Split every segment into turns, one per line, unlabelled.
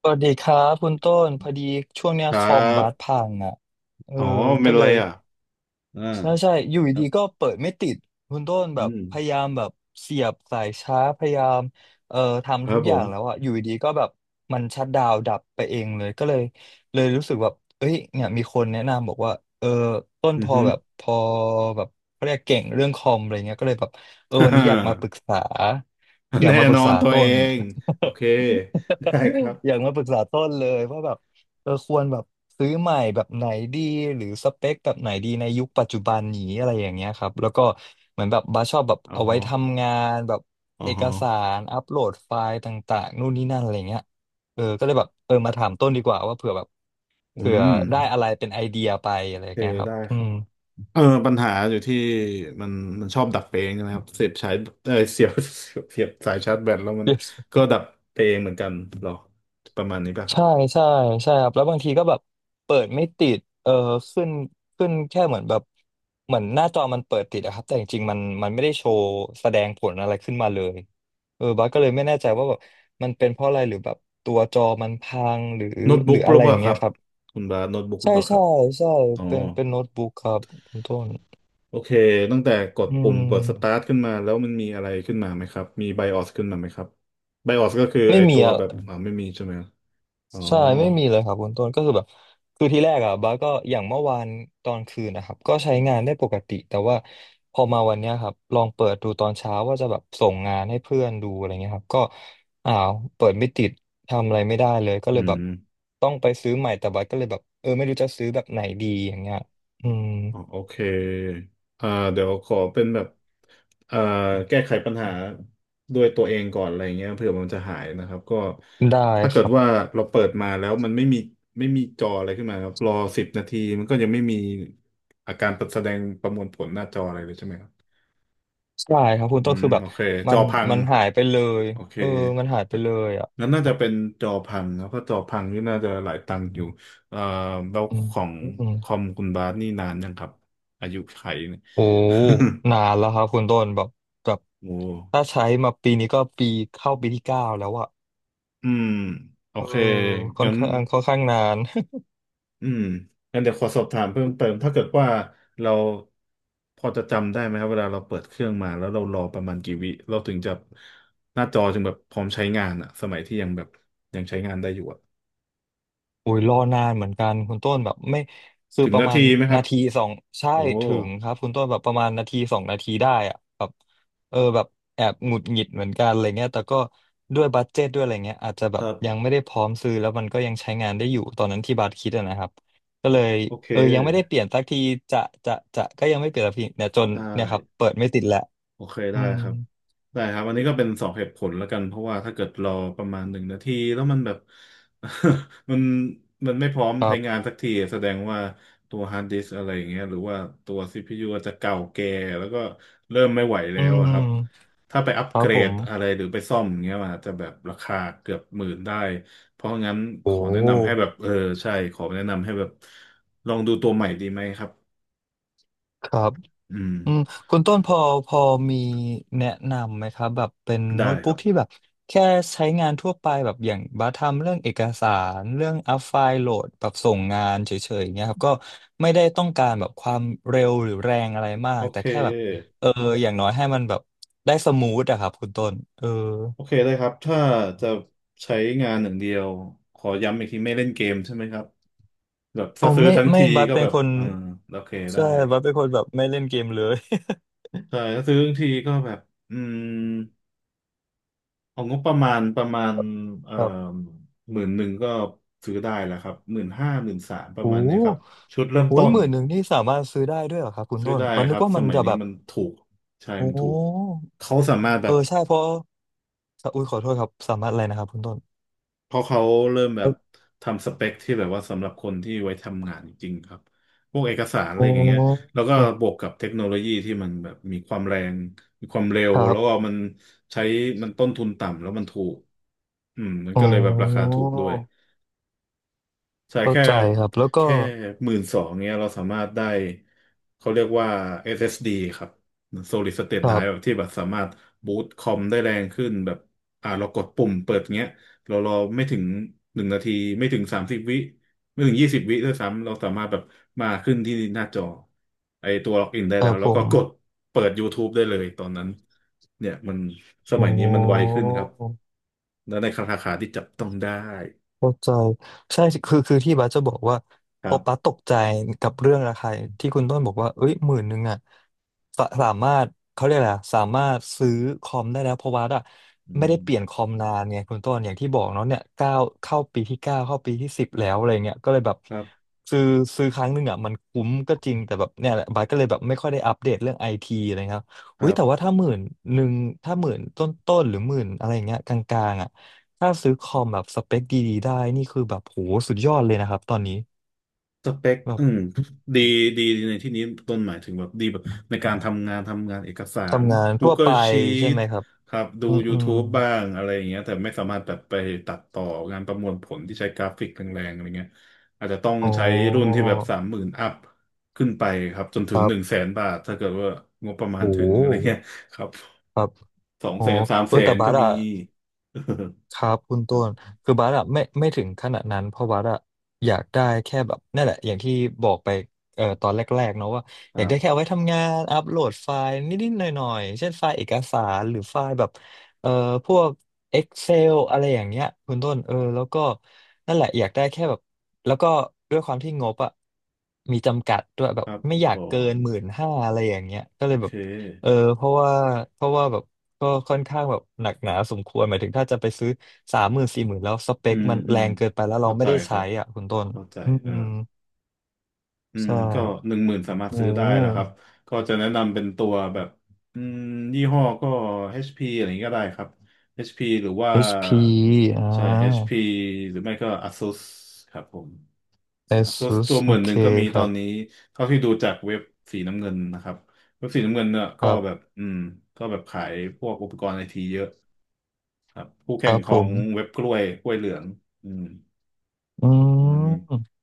สวัสดีครับคุณต้นพอดีช่วงเนี้ย
ค
ค
รั
อม
บ
บัสพังอ่ะเออ
อ๋อเป็
ก็
นอะ
เล
ไร
ย
อ่ะอ่า
ใช่ใช่อยู่
ครั
ดี
บ
ๆก็เปิดไม่ติดคุณต้นแบ
อื
บ
ม
พยายามแบบเสียบสายชาร์จพยายามเอ่อ
ค
ทำ
รั
ทุ
บ
ก
ผ
อย่า
ม
งแล้วอ่ะอยู่ดีๆก็แบบมันชัตดาวน์ดับไปเองเลยก็เลยเลยรู้สึกแบบเอ้ยเนี่ยมีคนแนะนำบอกว่าเออต้น
อื
พ
อ
อ
ฮึ
แบบพอแบบเขาเรียกเก่งเรื่องคอมอะไรเงี้ยก็เลยแบบเออวันนี้อยากมาป รึกษาอยาก
แน่
มาปรึ
นอ
กษา
นตัว
ต้
เอ
น
งโอเคได้ครับ
อยากมาปรึกษาต้นเลยว่าแบบเออควรแบบซื้อใหม่แบบไหนดีหรือสเปคแบบไหนดีในยุคปัจจุบันนี้อะไรอย่างเงี้ยครับแล้วก็เหมือนแบบบาสชอบแบบ
อ๋อ
เอาไว้
ฮะ
ทำงานแบบ
อ๋อ
เอก
ฮะ
สารอัปโหลดไฟล์ต่างๆนู่นนี่นั่นอะไรเงี้ยเออก็เลยแบบเออมาถามต้นดีกว่าว่าเผื่อแบบ
อื
เผื่อ
ม
ได้อะไรเป็นไอเดียไปอะไร
โอ
อย่า
เค
งเงี้ยครับ
ได้
อื
ครั
ม
บเออปัญหาอยู่ที่มันมันชอบดับไปเองนะครับเสียบสายเสียบ เสียบสายชาร์จแบตแล้วมัน ก็ดับไปเองเหมือนกันหรอประมาณนี้ป่ะครับ
ใช่ใช่ใช่ครับแล้วบางทีก็แบบเปิดไม่ติดเออขึ้นขึ้นแค่เหมือนแบบเหมือนหน้าจอมันเปิดติดอะครับแต่จริงๆมันไม่ได้โชว์แสดงผลอะไรขึ้นมาเลยเออบัสก็เลยไม่แน่ใจว่าแบบมันเป็นเพราะอะไรหรือแบบตัวจอมันพังหรือ
โน้ต
หรื
บุ๊ก
อ
ห
อะ
รือ
ไร
เป
อ
ล่า
ย่าง
ค
เงี้
รั
ย
บ
ครับ
คุณบาสโน้ตบุ๊กหรื
ใช่
อเปล่าครั
ใช่
บ
ใช่
อ๋อ
เป็นโน้ตบุ๊กครับคุณต้น
โอเคตั้งแต่กด
อื
ปุ่มเปิดสตา
ม
ร์ทขึ้นมาแล้วมันมีอะไรขึ้นมาไหมครับมีไบออสขึ้นมาไหมครับไบออสก็คือ
ไม่
ไอ
มี
ตัว
อะ
แบบไม่มีใช่ไหมอ๋อ
ใช่ไม่มีเลยครับคุณต้นก็คือแบบคือที่แรกอ่ะบ้าสก็อย่างเมื่อวานตอนคืนนะครับก็ใช้งานได้ปกติแต่ว่าพอมาวันเนี้ยครับลองเปิดดูตอนเช้าว่าจะแบบส่งงานให้เพื่อนดูอะไรเงี้ยครับก็อ้าวเปิดไม่ติดทำอะไรไม่ได้เลยก็เล
อื
ยแบบ
ม
ต้องไปซื้อใหม่แต่บ้าสก็เลยแบบเออไม่รู้จะซื้อแบบไหนดีอย่างเงี้ยอืม
อ๋อโอเคอ่าเดี๋ยวขอเป็นแบบอ่าแก้ไขปัญหาด้วยตัวเองก่อนอะไรเงี้ยเผื่อมันจะหายนะครับก็
ได้
ถ้า
ค
เกิด
รั
ว่า
บ
เราเปิดมาแล้วมันไม่มีจออะไรขึ้นมาครับรอสิบนาทีมันก็ยังไม่มีอาการแสดงประมวลผลหน้าจออะไรเลยใช่ไหมครับ
ใช่ครับคุณ
อื
ต้น
ม
คือแบบ
โอเคจ
มั
อ
น
พัง
มันหายไปเลย
โอเค
เออมันหายไปเลยอ่ะ
งั้นน่า
แบ
จะ
บ
เป็นจอพังแล้วก็จอพังนี่น่าจะหลายตังค์อยู่เอ่อแล้ว
อื
ของคอ
ม
มคุณบาสนี่นานยังครับอายุไขเนี่ย
โอ้ นานแล้วครับคุณต้นแบบแบบ
โอ้
ถ้าใช้มาปีนี้ก็ปีเข้าปีที่เก้าแล้วอะ
อืมโอ
เออ
เค
ค่อน
งั้น
ข้างค่อนข้างนาน
อืมงั้นเดี๋ยวขอสอบถามเพิ่มเติมถ้าเกิดว่าเราพอจะจำได้ไหมครับเวลาเราเปิดเครื่องมาแล้วเรารอประมาณกี่วิเราถึงจะหน้าจอจึงแบบพร้อมใช้งานอะสมัยที่ยังแบบยังใช้งานได้อยู่อะ
โอ้ยรอนานเหมือนกันคุณต้นแบบไม่คือ
ถึง
ประ
นา
มา
ที
ณ
ไหมครั
นา
บ
ทีสองใช่
โอ้
ถึงครับคุณต้นแบบประมาณนาทีสองนาทีได้อะแบบเออแบบแอบหงุดหงิดเหมือนกันอะไรเงี้ยแต่ก็ด้วยบัดเจ็ตด้วยอะไรเงี้ยอาจจะแบ
ค
บ
รับ
ยังไม่ได้พร้อมซื้อแล้วมันก็ยังใช้งานได้อยู่ตอนนั้นที่บัสคิดอะนะครับก็เลย
โอเค
เออยังไม่ได้เปลี่ยนสักทีจะจะก็ยังไม่เปลี่ยนสักทีเนี่ยจน
ได้
เนี่ยครับเปิดไม่ติดแหละ
โอเค
อื
ได้
ม
ครับ ได้ครับอันนี้ก็เป็นสองเหตุผลแล้วกัน เพราะว่าถ้าเกิดรอประมาณหนึ่งนาทีแล้วมันแบบ มันมันไม่พร้อม
ครั
ใช้
บ
งานสักทีแสดงว่าตัวฮาร์ดดิสก์อะไรอย่างเงี้ยหรือว่าตัวซีพียูอาจจะเก่าแก่แล้วก็เริ่มไม่ไหวแล้
อื
วอะ
ม
ครับ ถ้าไปอัป
ค
เก
รับ
ร
ผ
ด
ม
อะไรหรือไปซ่อมอย่างเงี้ยมันอาจจะแบบราคาเกือบหมื่นได้เพราะงั้นข
โอ้
อแนะนำให้แบบเออใช่ขอแนะนำให้แบบลองดูตัวใหม่ดีไหมครับ
ครับ
อืม
อืมคุณต้นพอพอมีแนะนำไหมครับแบบเป็น
ได้
โน้ต
ค
บุ๊
รั
ก
บ
ที่แบบแค่ใช้งานทั่วไปแบบอย่างบัสทำเรื่องเอกสารเรื่องอัพไฟล์โหลดแบบส่งงานเฉยๆเงี้ยครับก็ไม่ได้ต้องการแบบความเร็วหรือแรงอะไรมา
โอ
กแต่
เค
แค่แบบเอออย่างน้อยให้มันแบบได้สมูทอะครับคุณต้นเออ
โอเคได้ครับถ้าจะใช้งานหนึ่างเดียว ขอย้ำอีกทีไม่เล่นเกมใช่ไหมครับแบบ
อ๋
ถ้า
อ
ซื้อ
ไม่
ทั้ง
ไม่
ที
บัส
ก็
เป็
แบ
น
บ
คน
เออโอเคได้
ใช่บัสเป็นคนแบบไม่เล่นเกมเลย
ใช่ถ้าซื้อทั้งทีก็แบบอืมเอางบประมาณประมาณเอ่อ
ครับ
หมื่นหนึ่งก็ซื้อได้แล้วครับหมื่นห้าหมื่นสามป
โอ
ระมาณเนี้ยครับ
้
ชุดเริ่ม
โห
ต้น
หมื่นหนึ่งนี่สามารถซื้อได้ด้วยเหรอครับคุณ
ซื้อ
ต้น
ได้
บัส
ค
นึ
รั
ก
บ
ว่า
ส
มัน
มัย
จะ
นี้
แบบ
มันถูกใช่
โอ้
มันถูกเขาสามารถแบ
เอ
บ
อใช่เพราะอุ้ยขอโทษครับ สามารถอะไรนะครับคุณต้น
เพราะเขาเริ่มแบ
เอ
บ
อ
ทำสเปคที่แบบว่าสำหรับคนที่ไว้ทำงานจริงๆครับ พวกเอกสารอะไร
โอ้
อย่างเงี้ยแล้วก็บวกกับเทคโนโลยีที่มันแบบมีความแรง มีความเร็ว
ครั
แล้วก็
บ
มันใช้ มันต้นทุนต่ำแล้วมันถูกอืมมัน
โอ
ก็เลยแบบราคา
้
ถูกด้วย ใช่
เข้า
แค่
ใจครับ แล้วก็
แค่หมื่นสองเนี้ยเราสามารถได้เขาเรียกว่า SSD ครับ Solid State
ครั
Drive แบบ
บ
ที่แบบสามารถบูตคอมได้แรงขึ้นแบบอ่าเรากดปุ่มเปิดเงี้ยเรารอไม่ถึงหนึ่งนาทีไม่ถึงสามสิบวิไม่ถึงยี่สิบวิด้วยซ้ำเราสามารถแบบมาขึ้นที่หน้าจอไอตัวล็อกอินได้
ค
แล้
รั
ว
บ
แล้
ผ
วก็
ม
กดเปิด YouTube ได้เลยตอนนั้นเนี่ยมันสมั
โอ้
ยนี้มันไวขึ้นครับและในราคาที่จับต้องได้
เข้าใจใช่คือที่บาสจะบอกว่า
ค
ต
รั
บบัส
บ
ตกใจกับเรื่องราคาที่คุณต้นบอกว่าเอ้ยหมื่นหนึ่งอ่ะสามารถเขาเรียกอะไรอะสามารถซื้อคอมได้แล้วเพราะว่าอะ
อื
ไม่ได้
ม
เปลี่ยนคอมนานไงคุณต้นอย่างที่บอกเนาะเนี่ยเก้าเข้าปีที่เก้าเข้าปีที่สิบแล้วอะไรเงี้ยก็เลยแบบ
ครับ
ซื้อซื้อครั้งหนึ่งอ่ะมันคุ้มก็จริงแต่แบบเนี่ยแหละบาสก็เลยแบบไม่ค่อยได้อัปเดตเรื่องไอทีอะไรครับ
ค
อุ้ย
รั
แต่ว่า
บ
ถ้าหมื่นหนึ่งถ้าหมื่นต้นต้นหรือหมื่นอะไรเงี้ยกลางๆอ่ะ ถ้าซื้อคอมแบบสเปคดีๆได้นี่คือแบบโหสุดยอดเลยนะครับตอนนี้
สเปค
แบบ
อืมดีดีในที่นี้ต้นหมายถึงแบบดีแบบในการทำงานทำงานเอกสาร
ทำงานทั่วไป
Google
ใช่
Sheet
ไหมครับ
ครับดู
อืมอืม
YouTube บ้างอะไรอย่างเงี้ยแต่ไม่สามารถแบบไปตัดต่องานประมวลผลที่ใช้กราฟิกแรงๆอะไรเงี้ยอาจจะต้อง
อ๋อ
ใช้รุ่นที่แบบสามหมื่นอัพขึ้นไปครับจนถึ
ค
ง
รั
หนึ่ง
บ
แสนบาทถ้าเกิดว่างบประมาณ
โอ้
ถึ
โห
งอะไรเงี้ยครับ
ครับ
สอง
อ๋อ
แสนสาม
เอ
แส
อแต่
น
บั
ก็
ส
มี
อะ ครับคุณ
ค
ต้
รับ
นคือบาสอะไม่ถึงขนาดนั้นเพราะบาสอะอยากได้แค่แบบนั่นแหละอย่างที่บอกไปตอนแรกๆเนาะว่า
ค
อยา
รั
กได้แค่
บ
เอาไว้ทำงานอัปโหลดไฟล์นิดๆหน่อยๆเช่นไฟล์เอกสารหรือไฟล์แบบเอ่อพวก Excel อะไรอย่างเงี้ยคุณต้นเออแล้วก็นั่นแหละอยากได้แค่แบบแล้วก็ด้วยความที่งบอะมีจำกัดด้วยแบ
ค
บ
รับ
ไม่อยา
ผ
กเกิ
ม
นหมื่นห้าอะไรอย่างเงี้ยก็
โอ
เลยแบ
เค
บเออเพราะว่าเพราะว่าแบบ ก็ค่อนข้างแบบหนักหนาสมควรหมายถึงถ้าจะไปซื้อสามหมื่นสี่หมื่นแล้วสเป
อื
ค
ม
มัน
อื
แร
ม
งเกินไปแล้วเรา
เข้า
ไม่
ใจ
ได้
ครั
ใช้
บ
อ่ะคุณต้น
เข้าใจ
อืม
อ่าอืม
ใช่
ก็หนึ่งหมื่นสามารถ
โอ้
ซื้อได้แล้วครับก็
HP
จะแนะนำเป็นตัวแบบอืมยี่ห้อก็ HP อชพีอะไรอย่างนี้ก็ได้ครับ HP หรือว่า
อชพีอ่
ใช่ HP
า
หรือไม่ก็ ASUS ครับผม ASUS
ASUS
ตัวห
โอ
มื่นห
เค
นึ่งก็มี
ค
ตอ
รั
น
บ
นี้เท่าที่ดูจากเว็บสีน้ำเงินนะครับเว็บสีน้ำเงินเนี่ย
ค
ก็
รั
แบบ
บ
อืมก็แบบขายพวกอุปกรณ์ไอทีเยอะครับคู่
ค
แข่ง
รับ
ข
ผ
อง
ม
เว็บกล้วยกล้วยเหลืองอืม
อื
วันนี้
ม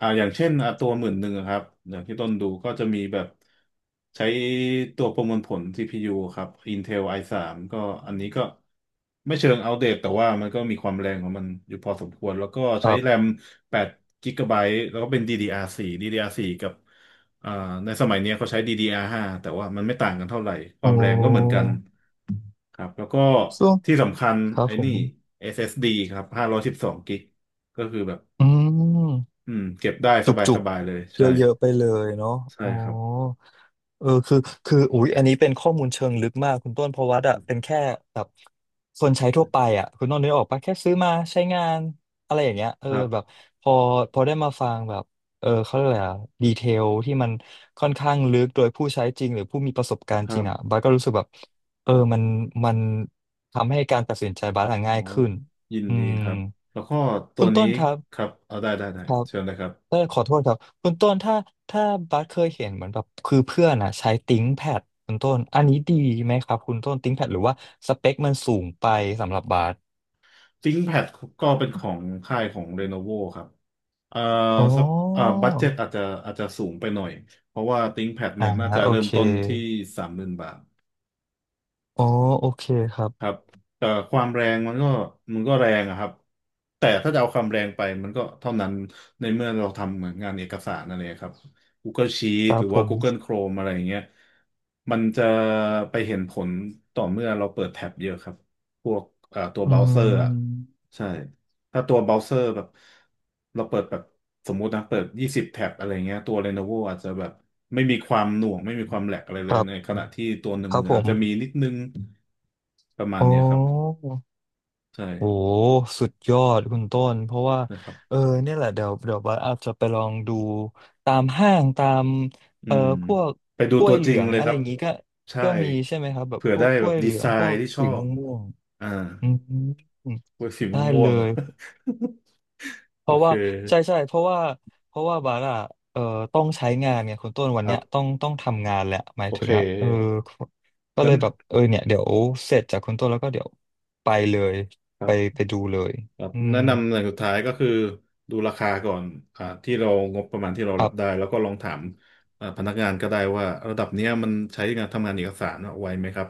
อ่าอย่างเช่นอ่ะตัวหมื่นหนึ่งครับอย่างที่ต้นดูก็จะมีแบบใช้ตัวประมวลผล CPU ครับ Intel i3 ก็อันนี้ก็ไม่เชิงอัปเดตแต่ว่ามันก็มีความแรงของมันอยู่พอสมควรแล้วก็
ค
ใช้
รั
แร
บ
ม8กิกะไบต์แล้วก็เป็น DDR4 กับอ่าในสมัยเนี้ยเขาใช้ DDR5 แต่ว่ามันไม่ต่างกันเท่าไหร่ควา
โอ้
มแรงก็เหมือนกันครับแล้วก็
ช่วง
ที่สำคัญ
ครับ
ไอ้
ผ
นี่
ม
SSD ครับห้าร้อยสบสองกิกก็คือแบบ
อืม
อืมเก็บได้
จ
สบาย
ุ
ส
ก
บายเลย
ๆเ
ใช่
ยอะๆไปเลยเนาะ
ใช่
อ๋อ
ครับ
เออคือคืออุ๊ยอันนี้เป็นข้อมูลเชิงลึกมากคุณต้นเพราะวัดอะเป็นแค่แบบคนใช้ทั่วไปอะคุณต้นนึกออกปะแค่ซื้อมาใช้งานอะไรอย่างเงี้ยเออ
ครั
แบบ
บ
พอพอได้มาฟังแบบเออเขาเรียกอะไรอะดีเทลที่มันค่อนข้างลึกโดยผู้ใช้จริงหรือผู้มีประสบการ
ค
ณ์จ
รั
ริงอะ
บ
บัสก็รู้สึกแบบเออมันทำให้การตัดสินใจบัสอะ
อ๋อ
ง่ายขึ้น
ยิน
อื
ดี
ม
ครับแล้วก็ตั
คุ
ว
ณ
นี้
ต้นครับ
ครับเอาได้ได้
ครับ
เชิญเลยครับ
เออขอโทษครับคุณต้นถ้าบัสเคยเห็นเหมือนแบบคือเพื่อนอ่ะใช้ติ้งแพดคุณต้นอันนี้ดีไหมครับคุณต้นติ้งแพดหรือว่าสเปคมันสูงไปสำหรับบัส
ThinkPad ก็เป็นของค่ายของ Lenovo ครับเอ่อ
อ๋อ
สักบัดเจ็ตอาจจะสูงไปหน่อยเพราะว่า ThinkPad เนี่
อ่า
ยน่าจะ
โอ
เริ่ม
เค
ต้นที่30,000 บาท
อ๋อโอเคครั
ครั
บ
บแต่ความแรงมันก็แรงอะครับแต่ถ้าจะเอาความแรงไปมันก็เท่านั้นในเมื่อเราทำเหมือนงานเอกสารอะไรครับ Google
ค
Sheet
รั
ห
บ
รือ
ผ
ว่า
ม
Google Chrome อะไรอย่างเงี้ยมันจะไปเห็นผลต่อเมื่อเราเปิดแท็บเยอะครับพวกตัวเบ
อื
ราว์เซอร์อะ
ม
ใช่ถ้าตัวเบราว์เซอร์แบบเราเปิดแบบสมมุตินะเปิด20 แท็บอะไรเงี้ยตัว Lenovo อาจจะแบบไม่มีความหน่วงไม่มีความแหลกอะไรเล
ค
ย
รั
ใน
บ
ขณะที่ตัวหนึ่ง
ครับ
มือ
ผ
อาจ
ม
จะมีนิดนึง ประมาณ
อ๋อ
เนี้ยครับใช่
โอ้สุดยอดคุณต้นเพราะว่า
นะครับ
เออเนี่ยแหละเดี๋ยวบัสอาจจะไปลองดูตามห้างตาม
อื
เออ
ม
พวก
ไปดู
กล้ว
ตั
ย
ว
เห
จ
ลื
ริง
อง
เลย
อะ
ค
ไร
รั
อ
บ
ย่างงี้ก็
ใช่
ก็มีใช่ไหมครับแบบ
เผื่อ
พว
ได้
กก
แบ
ล้ว
บ
ยเห
ดี
ลือ
ไซ
งพวก
น์ที่ช
สี
อ
ม่
บ
วงม่วง
อ่า
อืม
เวยสี
ได้
ม่ว
เล
ง
ย
ๆ
เพ
โอ
ราะ
เค
ว่าใช่ใช่เพราะว่าเพราะว่าบัสอะเออต้องใช้งานเนี่ยคุณต้นวั
ค
น
รั
เนี้ยต้อง
บ
ต้องทำงานแหละหมาย
โอ
ถึ
เค
งอะเออก็เล
งั้น
ยแบบเออเนี่ยเดี๋ยวเสร็จจากคุณต้นแล้วก็เดี๋ยวไปเลย
ครั
ไป
บ
ไปดูเลย
ครับ
อืม
แนะนำอย่างสุดท้ายก็คือดูราคาก่อนอ่าที่เรางบประมาณที่เรา
ค
รั
รั
บได้
บ
แล้วก็ลองถามอ่าพนักงานก็ได้ว่าระดับเนี้ยมันใช้งานทำงานเอกสารอะไวไหมครับ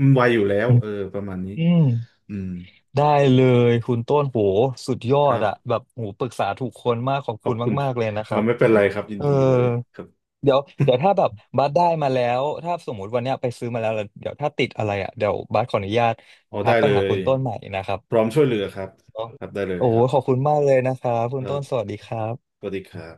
มันไวอยู่แล้ว
อืม
เออประมาณนี้
อืม
อืม
ได้เลยคุณต้นโหสุดยอ
ครั
ด
บ
อะแบบโหปรึกษาถูกคนมากขอบ
ขอ
คุ
บ
ณ
คุณค
มา
รั
ก
บ
ๆเลยนะ
เอ
ค
อ
รับ
ไม่เป็นไรครับยิน
เออ
ดีเลยครับ
เดี๋ยวเดี๋ยวถ้าแบ บบัสได้มาแล้วถ้าสมมติวันเนี้ยไปซื้อมาแล้วแล้วเดี๋ยวถ้าติดอะไรอะเดี๋ยวบัสขออนุญาต
อ๋อ
ทั
ได้
กไป
เล
หา
ย
คุณต้นใหม่นะครั
พร้
บ
อมช่วยเหลือครับครับได้เลย
โอ้
ค
โห
รับ
ขอบคุณมากเลยนะครับคุ
ค
ณ
รั
ต้
บ
นสวัสดีครับ
สวัสดีครับ